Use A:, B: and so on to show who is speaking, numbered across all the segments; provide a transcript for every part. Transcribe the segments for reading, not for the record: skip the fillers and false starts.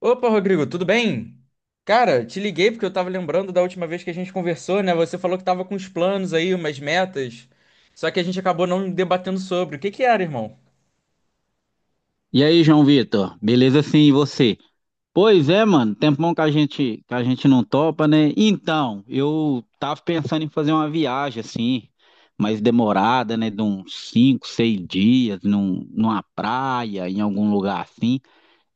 A: Opa, Rodrigo, tudo bem? Cara, te liguei porque eu tava lembrando da última vez que a gente conversou, né? Você falou que tava com uns planos aí, umas metas, só que a gente acabou não debatendo sobre. O que que era, irmão?
B: E aí, João Vitor? Beleza sim, e você? Pois é, mano, tempão que a gente não topa, né? Então, eu tava pensando em fazer uma viagem assim, mais demorada, né, de uns cinco, seis dias, numa praia, em algum lugar assim.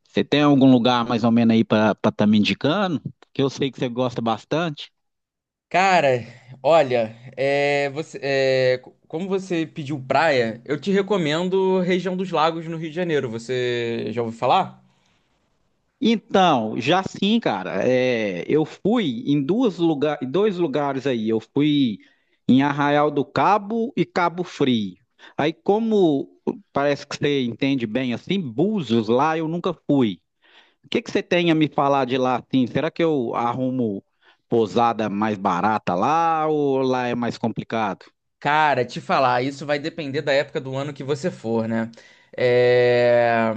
B: Você tem algum lugar mais ou menos aí pra para tá me indicando? Que eu sei que você gosta bastante.
A: Cara, olha, você, como você pediu praia, eu te recomendo região dos Lagos no Rio de Janeiro. Você já ouviu falar?
B: Então, já sim, cara. É, eu fui em dois lugares aí. Eu fui em Arraial do Cabo e Cabo Frio. Aí, como parece que você entende bem assim, Búzios lá eu nunca fui. O que que você tem a me falar de lá assim? Será que eu arrumo pousada mais barata lá ou lá é mais complicado?
A: Cara, te falar, isso vai depender da época do ano que você for, né? É.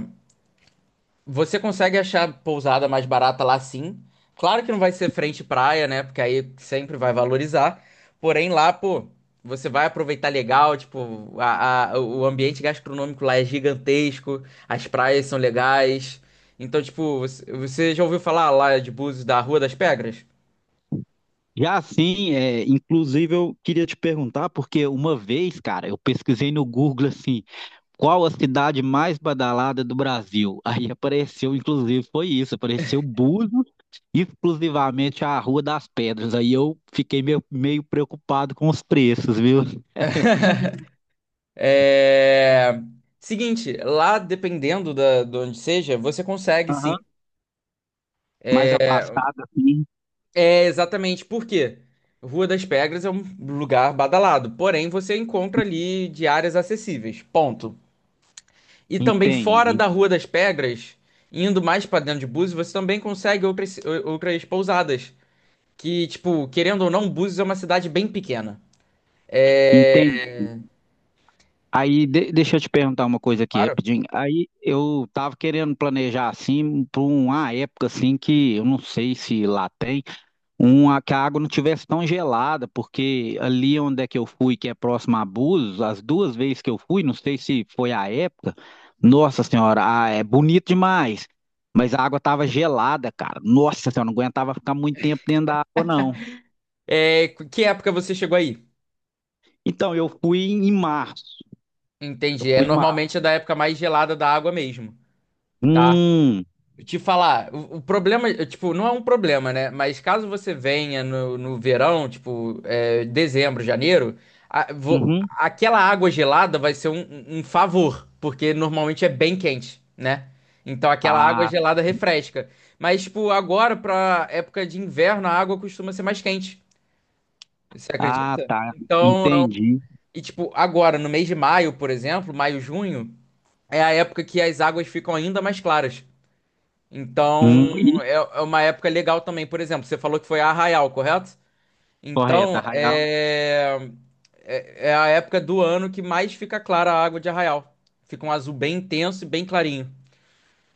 A: Você consegue achar pousada mais barata lá sim. Claro que não vai ser frente praia, né? Porque aí sempre vai valorizar. Porém, lá, pô, você vai aproveitar legal, tipo, o ambiente gastronômico lá é gigantesco, as praias são legais. Então, tipo, você já ouviu falar lá de Búzios da Rua das Pedras?
B: Já assim, é, inclusive eu queria te perguntar, porque uma vez, cara, eu pesquisei no Google assim. Qual a cidade mais badalada do Brasil? Aí apareceu, inclusive, foi isso, apareceu Búzios, exclusivamente a Rua das Pedras. Aí eu fiquei meio preocupado com os preços, viu?
A: É. Seguinte, lá dependendo de onde seja, você consegue sim.
B: Aham. Mais afastado, assim,
A: É exatamente por quê? Rua das Pedras é um lugar badalado, porém você encontra ali de áreas acessíveis, ponto. E também fora
B: entende?
A: da Rua das Pedras, indo mais pra dentro de Búzios, você também consegue outras pousadas, que tipo, querendo ou não, Búzios é uma cidade bem pequena.
B: Entende? Aí, deixa eu te perguntar uma coisa aqui
A: Claro.
B: rapidinho. Aí, eu tava querendo planejar, assim, para uma época, assim, que eu não sei se lá tem, uma que a água não tivesse tão gelada, porque ali onde é que eu fui, que é próximo a Búzios, as duas vezes que eu fui, não sei se foi a época, nossa senhora, é bonito demais, mas a água tava gelada, cara. Nossa senhora, não aguentava ficar muito tempo dentro da água, não.
A: É, que época você chegou aí?
B: Então, eu fui em março. Eu
A: Entendi, é
B: fui em março.
A: normalmente é da época mais gelada da água mesmo, tá?
B: Hum,
A: Te falar, o problema, tipo, não é um problema, né? Mas caso você venha no verão, tipo, dezembro, janeiro,
B: uhum.
A: aquela água gelada vai ser um favor, porque normalmente é bem quente, né? Então aquela água
B: Ah,
A: gelada refresca. Mas, tipo, agora, pra época de inverno, a água costuma ser mais quente. Você
B: ah,
A: acredita?
B: tá,
A: Então,
B: entendi.
A: e tipo, agora, no mês de maio, por exemplo, maio, junho, é a época que as águas ficam ainda mais claras. Então,
B: Hum, e-
A: é uma época legal também. Por exemplo, você falou que foi a Arraial, correto?
B: Correto,
A: Então,
B: Arraial.
A: é a época do ano que mais fica clara a água de Arraial. Fica um azul bem intenso e bem clarinho.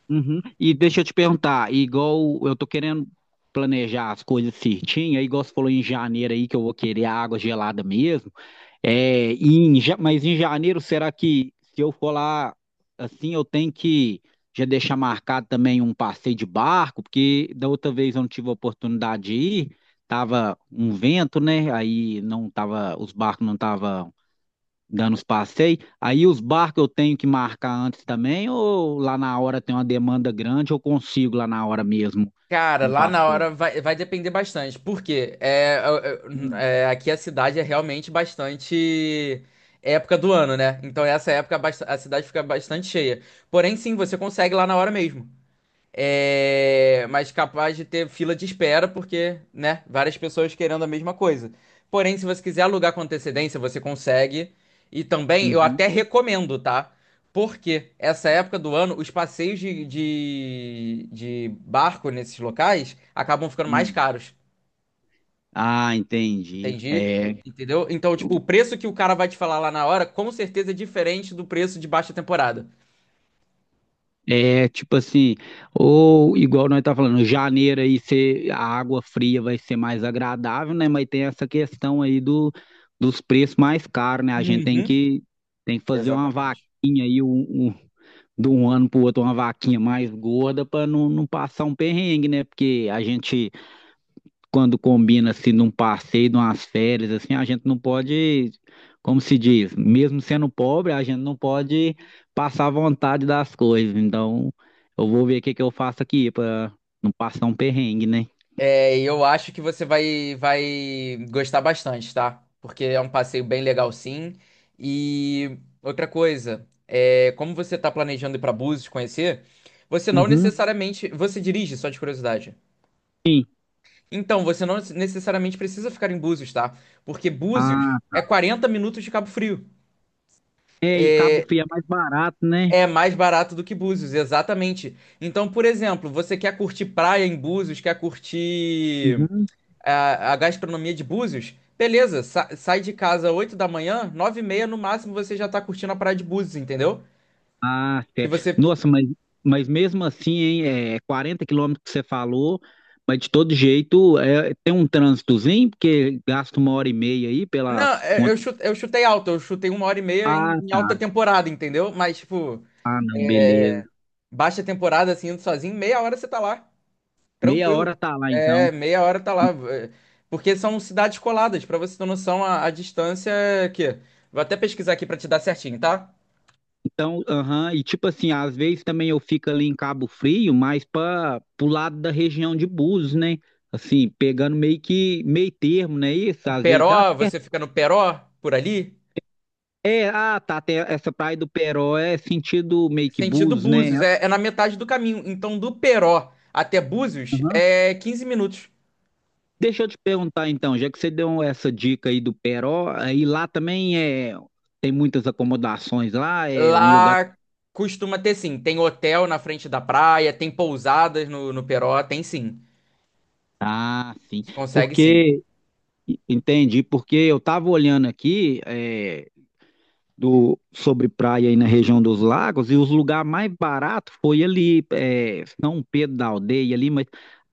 B: Uhum. E deixa eu te perguntar, igual eu tô querendo planejar as coisas certinho, aí igual você falou em janeiro aí que eu vou querer água gelada mesmo. É, mas em janeiro, será que se eu for lá assim, eu tenho que já deixar marcado também um passeio de barco, porque da outra vez eu não tive a oportunidade de ir, tava um vento, né? Aí não tava, os barcos não estavam dando os passeios. Aí os barcos eu tenho que marcar antes também, ou lá na hora tem uma demanda grande, eu consigo lá na hora mesmo
A: Cara,
B: um
A: lá na
B: passeio?
A: hora vai, vai depender bastante. Por quê?
B: Hum,
A: É, aqui a cidade é realmente bastante época do ano, né? Então, essa época a cidade fica bastante cheia. Porém, sim, você consegue lá na hora mesmo. É, mas capaz de ter fila de espera, porque, né, várias pessoas querendo a mesma coisa. Porém, se você quiser alugar com antecedência, você consegue. E também, eu até
B: uhum,
A: recomendo, tá? Porque essa época do ano, os passeios de barco nesses locais acabam ficando mais
B: hum.
A: caros.
B: Ah, entendi.
A: Entendi?
B: É,
A: Entendeu? Então, tipo, o preço que o cara vai te falar lá na hora, com certeza é diferente do preço de baixa temporada.
B: é tipo assim, ou igual nós tá falando, janeiro a água fria vai ser mais agradável, né? Mas tem essa questão dos preços mais caros, né? A gente
A: Uhum.
B: tem que fazer uma
A: Exatamente.
B: vaquinha aí, um de um ano para o outro uma vaquinha mais gorda para não passar um perrengue, né? Porque a gente, quando combina assim num passeio, numas férias, assim, a gente não pode, como se diz, mesmo sendo pobre, a gente não pode passar vontade das coisas. Então, eu vou ver o que que eu faço aqui para não passar um perrengue, né?
A: É, e eu acho que você vai, vai gostar bastante, tá? Porque é um passeio bem legal, sim. E outra coisa, é, como você tá planejando ir pra Búzios conhecer, você não Uhum.
B: Uhum.
A: necessariamente. Você dirige, só de curiosidade.
B: Sim.
A: Então, você não necessariamente precisa ficar em Búzios, tá? Porque
B: Ah,
A: Búzios é 40 minutos de Cabo Frio.
B: é, e Cabo Frio é mais barato, né?
A: É mais barato do que Búzios, exatamente. Então, por exemplo, você quer curtir praia em Búzios, quer curtir
B: Uhum.
A: a gastronomia de Búzios, beleza, sai de casa 8 da manhã, 9 e meia no máximo você já tá curtindo a praia de Búzios, entendeu?
B: Ah,
A: Se
B: certo.
A: você.
B: Nossa, mas mesmo assim, hein, é 40 quilômetros que você falou, mas de todo jeito é, tem um trânsitozinho, porque gasta uma hora e meia aí
A: Não,
B: pelas
A: é,
B: contas.
A: eu chutei alto, eu chutei uma hora e meia em
B: Tá,
A: alta temporada, entendeu? Mas, tipo,
B: não, beleza.
A: é, baixa temporada, assim, indo sozinho, meia hora você tá lá,
B: Meia
A: tranquilo.
B: hora tá lá
A: É,
B: então.
A: meia hora tá lá. É, Porque são cidades coladas, pra você ter noção, a distância é que. Vou até pesquisar aqui pra te dar certinho, tá?
B: Então, aham, e tipo assim, às vezes também eu fico ali em Cabo Frio, mas para pro lado da região de Búzios, né? Assim, pegando meio que meio termo, né? Isso,
A: O
B: às vezes dá
A: Peró,
B: certo.
A: você fica no Peró, por ali.
B: É, ah, tá, até essa praia do Peró é sentido meio que
A: Sentido
B: Búzios, né?
A: Búzios, é na metade do caminho. Então, do Peró até Búzios é 15 minutos.
B: Deixa eu te perguntar então, já que você deu essa dica aí do Peró, aí lá também tem muitas acomodações lá, é um lugar.
A: Lá costuma ter sim. Tem hotel na frente da praia, tem pousadas no Peró, tem sim.
B: Ah, sim.
A: Você consegue sim.
B: Porque entendi, porque eu estava olhando aqui do sobre praia aí na região dos lagos e os lugares mais baratos foi ali São Pedro da Aldeia ali, mas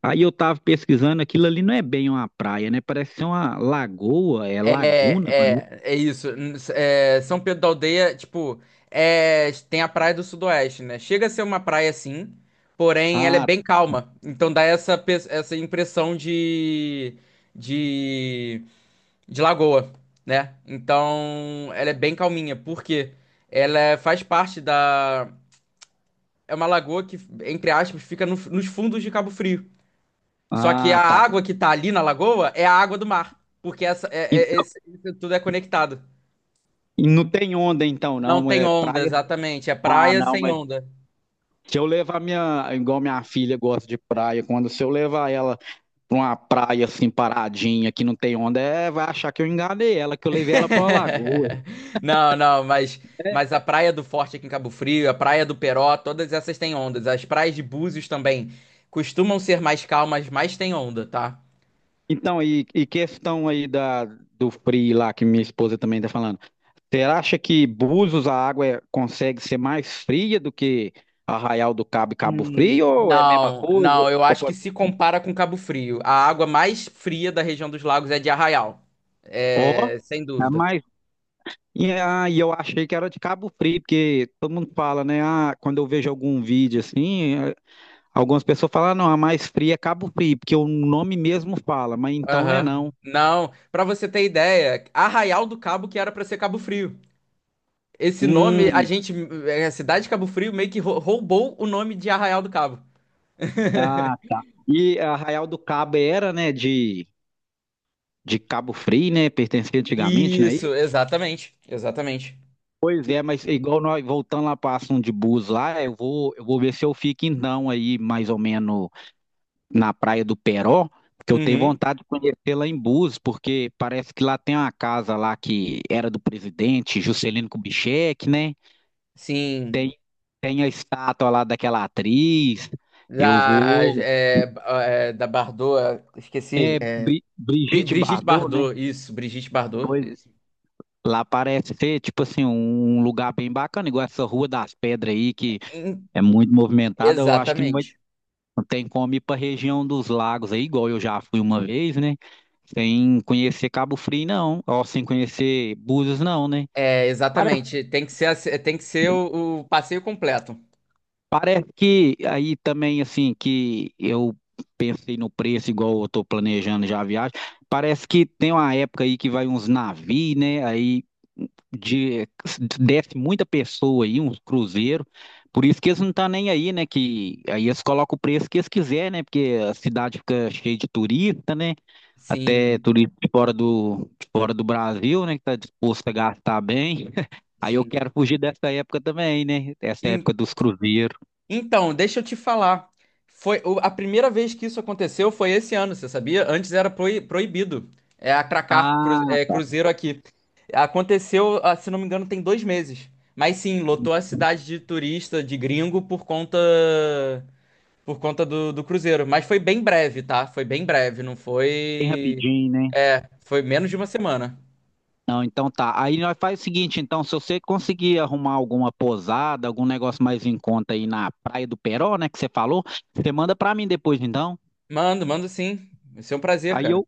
B: aí eu estava pesquisando aquilo ali não é bem uma praia, né? Parece ser uma lagoa, é laguna, parece.
A: É isso. É, São Pedro da Aldeia, tipo, é, tem a Praia do Sudoeste, né? Chega a ser uma praia sim, porém ela é
B: Ah,
A: bem calma. Então dá essa, essa impressão de de lagoa, né? Então, ela é bem calminha, porque faz parte da. É uma lagoa que, entre aspas, fica nos fundos de Cabo Frio. Só que
B: ah,
A: a
B: tá.
A: água que tá ali na lagoa é a água do mar, porque essa,
B: Então,
A: isso tudo é conectado.
B: e não tem onda então,
A: Não
B: não.
A: tem
B: É
A: onda,
B: praia.
A: exatamente. É
B: Ah,
A: praia
B: não,
A: sem
B: mas
A: onda.
B: Se eu levar minha. Igual minha filha gosta de praia, quando se eu levar ela pra uma praia assim paradinha, que não tem onda, vai achar que eu enganei ela, que eu levei ela pra uma lagoa.
A: Não, não,
B: Né?
A: mas a Praia do Forte aqui em Cabo Frio, a Praia do Peró, todas essas têm ondas. As praias de Búzios também costumam ser mais calmas, mas têm onda, tá?
B: Então, e questão do frio lá, que minha esposa também tá falando. Você acha que Búzios a água consegue ser mais fria do que Arraial do Cabo e Cabo Frio? Ou é a mesma
A: Não,
B: coisa?
A: não, eu
B: Ou
A: acho que
B: pode-
A: se compara com Cabo Frio. A água mais fria da região dos lagos é de Arraial.
B: Ó,
A: É, sem
B: é
A: dúvida.
B: mais e aí eu achei que era de Cabo Frio, porque todo mundo fala, né? Ah, quando eu vejo algum vídeo assim, algumas pessoas falam, "Ah, não, a mais fria é Cabo Frio, porque o nome mesmo fala", mas então não é
A: Aham.
B: não.
A: Não, pra você ter ideia, Arraial do Cabo que era pra ser Cabo Frio. Esse nome, a
B: Hum,
A: gente, é, a cidade de Cabo Frio meio que roubou o nome de Arraial do Cabo.
B: ah, tá. E Arraial do Cabo era, né, de Cabo Frio, né? Pertencia antigamente, né? E
A: Isso, exatamente, exatamente.
B: pois é, mas igual nós voltando lá para assunto de bus lá, eu vou ver se eu fico então aí, mais ou menos na Praia do Peró, porque eu tenho
A: Uhum.
B: vontade de conhecer lá em Búzios, porque parece que lá tem uma casa lá que era do presidente Juscelino Kubitschek, né? Tem,
A: Sim,
B: Tem a estátua lá daquela atriz. Eu
A: da,
B: vou.
A: é, da Bardot, esqueci.
B: Brigitte
A: Brigitte
B: Bardot, né?
A: Bardot, isso, Brigitte Bardot.
B: Pois lá parece ser, tipo assim, um lugar bem bacana, igual essa Rua das Pedras aí, que
A: Em-
B: é muito movimentada. Eu acho que não vai.
A: Exatamente.
B: Não tem como ir pra região dos lagos aí, igual eu já fui uma vez, né? Sem conhecer Cabo Frio, não. Ou sem conhecer Búzios, não, né?
A: É,
B: Parece,
A: exatamente. Tem que ser, tem que ser o passeio completo.
B: Parece que aí também, assim, que eu pensei no preço igual eu tô planejando já a viagem. Parece que tem uma época aí que vai uns navios, né? De, Desce muita pessoa aí, uns cruzeiros. Por isso que eles não tá nem aí, né? Que aí eles colocam o preço que eles quiserem, né? Porque a cidade fica cheia de turista, né? Até
A: Sim,
B: turistas fora do Brasil, né, que está disposto a gastar bem. Aí eu
A: sim.
B: quero fugir dessa época também, né? Essa época
A: Em-
B: dos cruzeiros.
A: então, deixa eu te falar. Foi a primeira vez que isso aconteceu foi esse ano, você sabia? Antes era proibido. É atracar
B: Ah, tá.
A: cruzeiro aqui. Aconteceu, ah, se não me engano, tem dois meses. Mas sim, lotou a cidade de turista, de gringo, por conta do Cruzeiro. Mas foi bem breve, tá? Foi bem breve, não
B: Bem
A: foi.
B: rapidinho, né?
A: É, foi menos de uma semana.
B: Não, então tá. Aí nós faz o seguinte, então, se você conseguir arrumar alguma pousada, algum negócio mais em conta aí na Praia do Peró, né, que você falou, você manda pra mim depois, então.
A: Mando sim. Vai ser um prazer,
B: Aí
A: cara.
B: eu,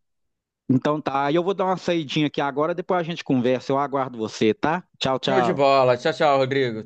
B: então tá. Aí eu vou dar uma saidinha aqui agora, depois a gente conversa. Eu aguardo você, tá? Tchau,
A: Show de
B: tchau.
A: bola. Tchau, tchau, Rodrigo.